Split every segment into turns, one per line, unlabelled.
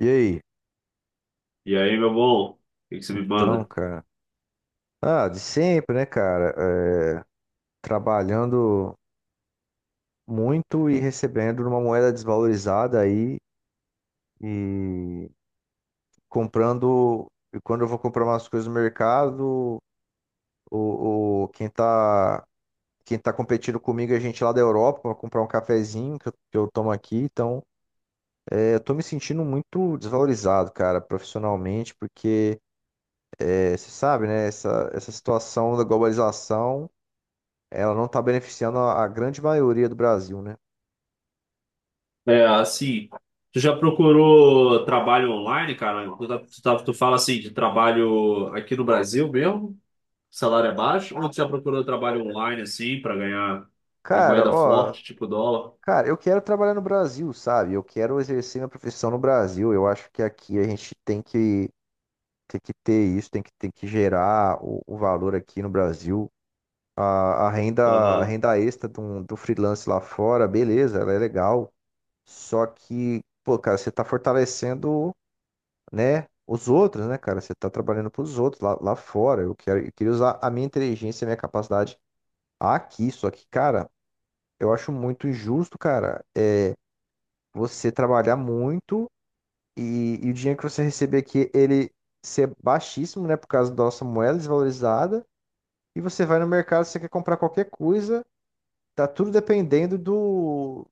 E aí?
E aí, meu bom, o que que você me
Então,
manda?
cara. Ah, de sempre, né, cara? É, Trabalhando muito e recebendo numa moeda desvalorizada aí e comprando. E quando eu vou comprar umas coisas no mercado, o, o- quem tá, quem tá competindo comigo é gente lá da Europa para comprar um cafezinho que eu tomo aqui. Então, eu tô me sentindo muito desvalorizado, cara, profissionalmente, porque você sabe, né, essa situação da globalização. Ela não tá beneficiando a grande maioria do Brasil, né?
É, assim, tu já procurou trabalho online, cara? Tu fala assim de trabalho aqui no Brasil mesmo, salário é baixo, ou tu já procurou trabalho online assim pra ganhar em
Cara,
moeda
ó,
forte, tipo dólar?
cara, eu quero trabalhar no Brasil, sabe? Eu quero exercer minha profissão no Brasil. Eu acho que aqui a gente tem que ter isso, tem que gerar o valor aqui no Brasil. A
Aham.
renda extra do, do freelance lá fora, beleza, ela é legal. Só que, pô, cara, você tá fortalecendo, né, os outros, né, cara? Você tá trabalhando pros outros lá, lá fora. Eu quero, eu queria usar a minha inteligência, a minha capacidade aqui, só que, cara, eu acho muito injusto, cara, você trabalhar muito e o dinheiro que você receber aqui, ele ser baixíssimo, né, por causa da nossa moeda desvalorizada, e você vai no mercado, você quer comprar qualquer coisa, tá tudo dependendo do,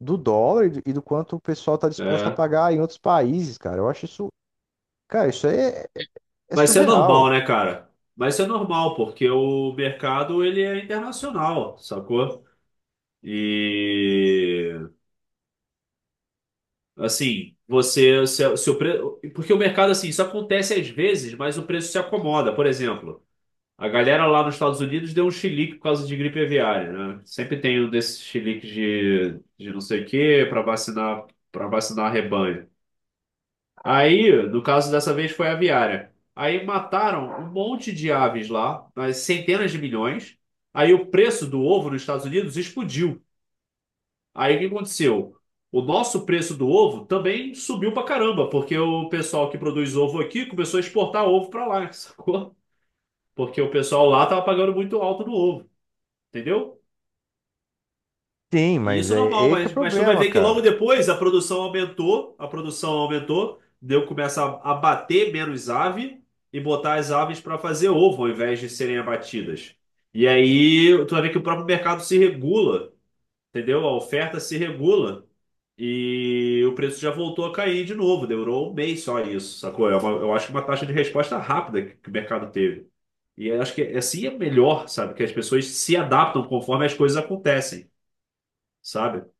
do dólar e do quanto o pessoal tá disposto a
É.
pagar em outros países, cara. Eu acho isso, cara, isso aí é, é
Mas isso é normal,
surreal.
né, cara? Mas isso é normal, porque o mercado ele é internacional, sacou? E assim, você, porque o mercado, assim, isso acontece às vezes, mas o preço se acomoda. Por exemplo, a galera lá nos Estados Unidos deu um chilique por causa de gripe aviária, né? Sempre tem um desses chiliques de não sei o quê para vacinar rebanho. Aí, no caso dessa vez, foi aviária. Aí mataram um monte de aves lá, mas centenas de milhões. Aí o preço do ovo nos Estados Unidos explodiu. Aí o que aconteceu? O nosso preço do ovo também subiu pra caramba, porque o pessoal que produz ovo aqui começou a exportar ovo pra lá, sacou? Porque o pessoal lá tava pagando muito alto no ovo, entendeu?
Sim,
E
mas
isso é
é, é
normal,
aí que é o
mas tu vai
problema,
ver que logo
cara.
depois a produção aumentou, deu começa a abater menos ave e botar as aves para fazer ovo ao invés de serem abatidas. E aí tu vai ver que o próprio mercado se regula. Entendeu? A oferta se regula e o preço já voltou a cair de novo. Demorou um mês só isso, sacou? Eu acho que uma taxa de resposta rápida que o mercado teve. E eu acho que é assim é melhor, sabe? Que as pessoas se adaptam conforme as coisas acontecem, sabe?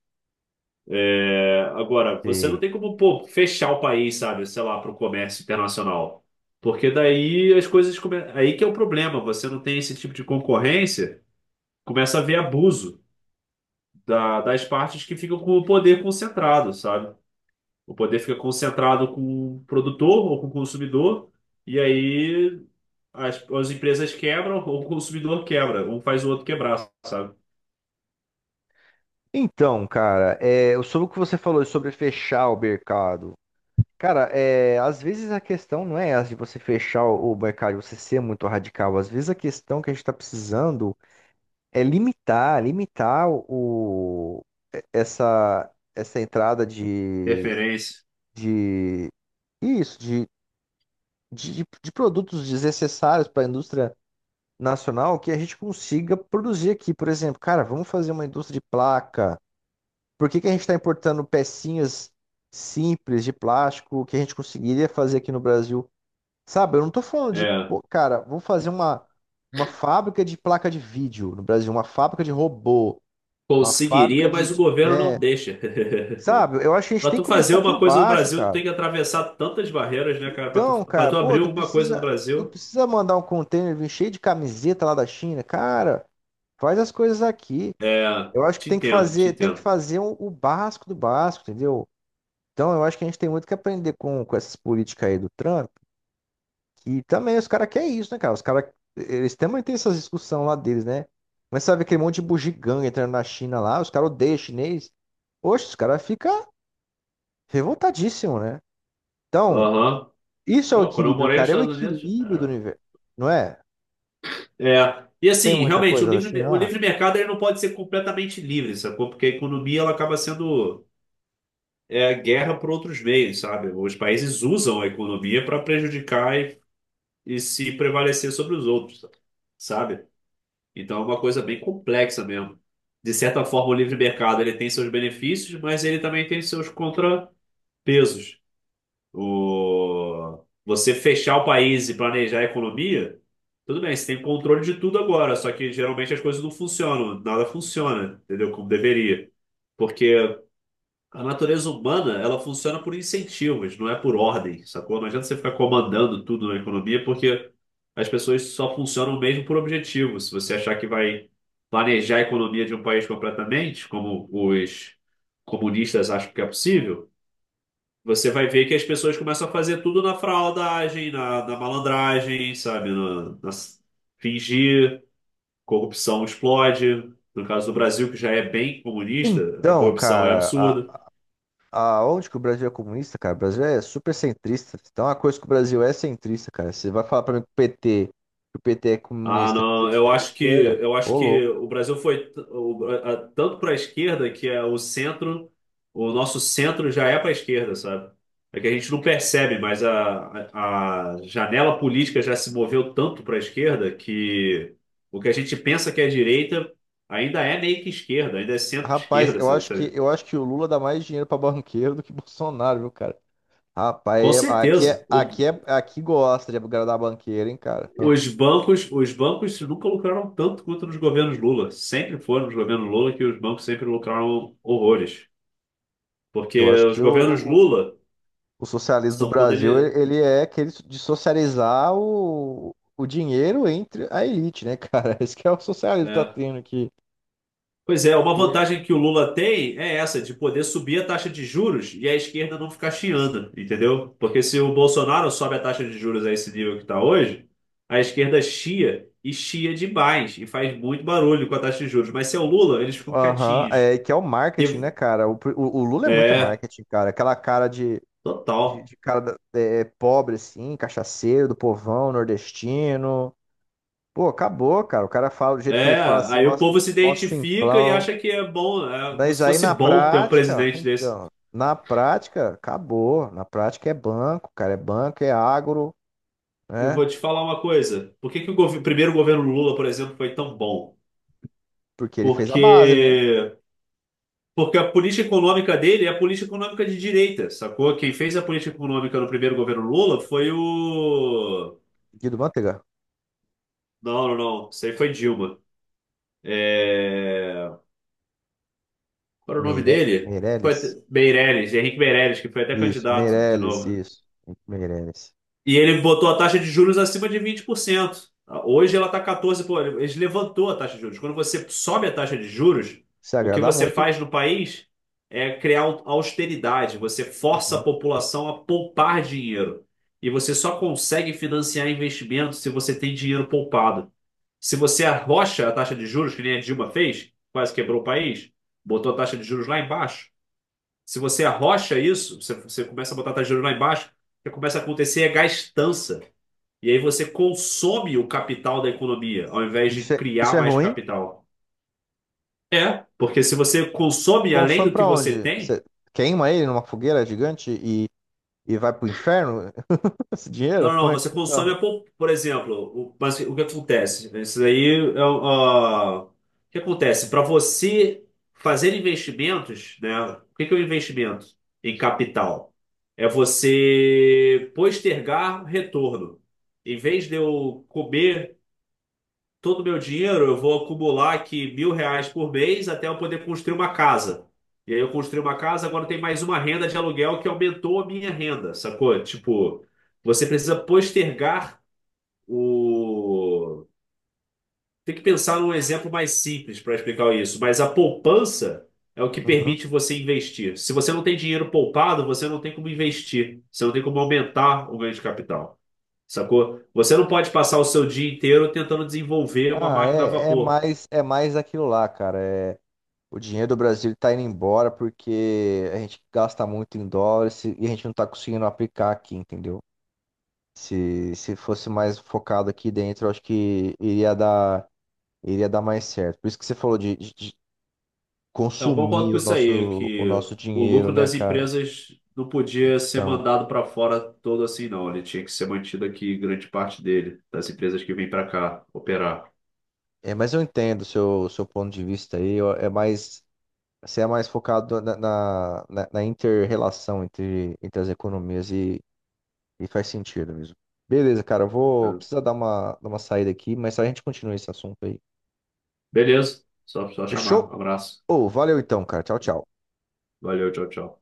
É, agora, você não
Sei.
tem como, pô, fechar o país, sabe? Sei lá, para o comércio internacional. Porque daí as coisas... Aí que é o problema. Você não tem esse tipo de concorrência, começa a haver abuso das partes que ficam com o poder concentrado, sabe? O poder fica concentrado com o produtor ou com o consumidor, e aí as empresas quebram ou o consumidor quebra. Um faz o outro quebrar, sabe?
Então, cara, sobre o que você falou sobre fechar o mercado, cara, às vezes a questão não é essa de você fechar o mercado, você ser muito radical. Às vezes a questão que a gente está precisando é limitar, limitar o, essa, essa entrada
Interferência.
de isso, de, de produtos desnecessários para a indústria nacional que a gente consiga produzir aqui. Por exemplo, cara, vamos fazer uma indústria de placa. Por que que a gente está importando pecinhas simples de plástico que a gente conseguiria fazer aqui no Brasil? Sabe, eu não tô falando de,
É.
pô, cara, vamos fazer uma fábrica de placa de vídeo no Brasil, uma fábrica de robô, uma fábrica
Conseguiria, mas o governo
né?
não deixa.
Sabe, eu acho que a gente
Para
tem
tu
que
fazer
começar
uma
por
coisa no
baixo,
Brasil, tu
cara.
tem que atravessar tantas barreiras, né, cara? Para
Então,
tu, para
cara,
tu
pô,
abrir alguma coisa no
tu
Brasil.
precisa mandar um container vir cheio de camiseta lá da China. Cara, faz as coisas aqui.
É.
Eu acho que
Te entendo, te
tem que
entendo.
fazer o básico do básico, entendeu? Então, eu acho que a gente tem muito que aprender com essas políticas aí do Trump. E também os caras querem isso, né, cara? Os caras, eles também têm essas discussões lá deles, né? Mas sabe aquele monte de bugiganga entrando na China lá, os caras odeiam chinês. Oxe, os caras ficam revoltadíssimos, né? Então,
Aham.
isso é o
Não, quando eu
equilíbrio,
morei nos
cara. É o
Estados Unidos.
equilíbrio do universo, não é?
É. E
Não tem
assim,
muita
realmente, o
coisa da
livre, o
China lá.
livre mercado ele não pode ser completamente livre, sacou? Porque a economia ela acaba sendo guerra por outros meios, sabe? Os países usam a economia para prejudicar e se prevalecer sobre os outros, sabe? Então é uma coisa bem complexa mesmo. De certa forma, o livre mercado ele tem seus benefícios, mas ele também tem seus contrapesos. Você fechar o país e planejar a economia, tudo bem, você tem controle de tudo agora, só que geralmente as coisas não funcionam, nada funciona, entendeu? Como deveria. Porque a natureza humana, ela funciona por incentivos, não é por ordem, sacou? Não adianta você ficar comandando tudo na economia, porque as pessoas só funcionam mesmo por objetivo. Se você achar que vai planejar a economia de um país completamente, como os comunistas acham que é possível, você vai ver que as pessoas começam a fazer tudo na fraudagem, na malandragem, sabe? Fingir, corrupção explode. No caso do Brasil, que já é bem comunista, a
Então,
corrupção é
cara,
absurda.
a, onde que o Brasil é comunista, cara? O Brasil é super centrista. Então, uma coisa que o Brasil é centrista, cara. Você vai falar pra mim que o PT, que o PT é
Ah,
comunista, que o
não,
PT
eu
é de
acho que
esquerda?
eu acho
Ô,
que
louco.
o Brasil foi tanto para a esquerda que é o centro, o nosso centro já é para a esquerda, sabe? É que a gente não percebe, mas a janela política já se moveu tanto para a esquerda que o que a gente pensa que é direita ainda é meio que esquerda, ainda é
Rapaz,
centro-esquerda, sabe? Sabe?
eu acho que o Lula dá mais dinheiro pra banqueiro do que Bolsonaro, viu, cara? Rapaz,
Com
aqui
certeza.
é,
O-
aqui é, aqui gosta de agradar banqueiro, hein, cara?
os bancos, os bancos nunca lucraram tanto quanto nos governos Lula. Sempre foram nos governos Lula que os bancos sempre lucraram horrores. Porque
Eu acho
os
que
governos Lula
o socialismo do
são quando
Brasil,
ele.
ele é aquele so, de socializar o dinheiro entre a elite, né, cara? Esse que é o socialismo que tá
É.
tendo aqui.
Pois é, uma
E-
vantagem que o Lula tem é essa, de poder subir a taxa de juros e a esquerda não ficar chiando, entendeu? Porque se o Bolsonaro sobe a taxa de juros a esse nível que está hoje, a esquerda chia e chia demais e faz muito barulho com a taxa de juros. Mas se é o Lula, eles ficam
Aham,
quietinhos.
é, que é o marketing,
E,
né, cara? O, o Lula é muito
é,
marketing, cara. Aquela cara
total.
de cara é, pobre, assim, cachaceiro, do povão, nordestino. Pô, acabou, cara. O cara fala do jeito que
É,
ele fala, assim,
aí
mó,
o povo se
mó
identifica e
simplão.
acha que é bom, é como
Mas
se
aí
fosse
na
bom ter um
prática,
presidente desse.
então, na prática, acabou. Na prática é banco, cara. É banco, é agro,
Eu
né?
vou te falar uma coisa. Por que que o primeiro governo Lula, por exemplo, foi tão bom?
Porque ele fez a base, né?
Porque porque a política econômica dele é a política econômica de direita, sacou? Quem fez a política econômica no primeiro governo Lula foi o...
Guido Mantega.
Não, não, não. Isso aí foi Dilma. É... Qual era o nome
Meire...
dele? Foi
Meirelles.
Meirelles, Henrique Meirelles, que foi até
Isso,
candidato de
Meirelles,
novo.
isso. Meirelles.
E ele botou a taxa de juros acima de 20%. Hoje ela está 14%. Pô, ele levantou a taxa de juros. Quando você sobe a taxa de juros,
Se
o que
agrada
você
muito.
faz no país é criar austeridade. Você força a
Uhum.
população a poupar dinheiro. E você só consegue financiar investimentos se você tem dinheiro poupado. Se você arrocha a taxa de juros, que nem a Dilma fez, quase quebrou o país, botou a taxa de juros lá embaixo. Se você arrocha isso, você começa a botar a taxa de juros lá embaixo, o que começa a acontecer é gastança. E aí você consome o capital da economia, ao invés de
Isso
criar
é
mais
ruim.
capital. É, porque se você consome além
Consome
do que
pra
você
onde?
tem,
Você queima ele numa fogueira gigante e vai pro inferno? Esse
não,
dinheiro? Como
não,
é que
você
funciona?
consome, por exemplo, mas o que acontece? Isso aí o que acontece? Para você fazer investimentos, né? O que que é um investimento em capital? É você postergar retorno. Em vez de eu comer todo o meu dinheiro, eu vou acumular aqui 1.000 reais por mês até eu poder construir uma casa. E aí eu construí uma casa, agora tem mais uma renda de aluguel que aumentou a minha renda, sacou? Tipo, você precisa postergar o. Tem que pensar num exemplo mais simples para explicar isso, mas a poupança é o que
Uhum.
permite você investir. Se você não tem dinheiro poupado, você não tem como investir, você não tem como aumentar o ganho de capital, sacou? Você não pode passar o seu dia inteiro tentando desenvolver uma
Ah,
máquina a
é,
vapor.
é mais aquilo lá, cara. É, o dinheiro do Brasil está indo embora porque a gente gasta muito em dólares e a gente não está conseguindo aplicar aqui, entendeu? Se fosse mais focado aqui dentro, eu acho que iria dar mais certo. Por isso que você falou de, de
Eu concordo
consumir
com isso aí,
o
que
nosso
o
dinheiro,
lucro
né,
das
cara?
empresas não podia ser
Então,
mandado para fora todo assim, não. Ele tinha que ser mantido aqui, grande parte dele, das empresas que vêm para cá operar.
é, mas eu entendo o seu seu ponto de vista aí. É mais você é mais focado na, na, na, na inter-relação entre, entre as economias e faz sentido mesmo. Beleza, cara, eu vou
Né?
precisar dar uma saída aqui, mas a gente continua esse assunto aí.
Beleza, só
Fechou?
chamar. Um abraço.
Ô, valeu então, cara. Tchau, tchau.
Valeu, tchau, tchau.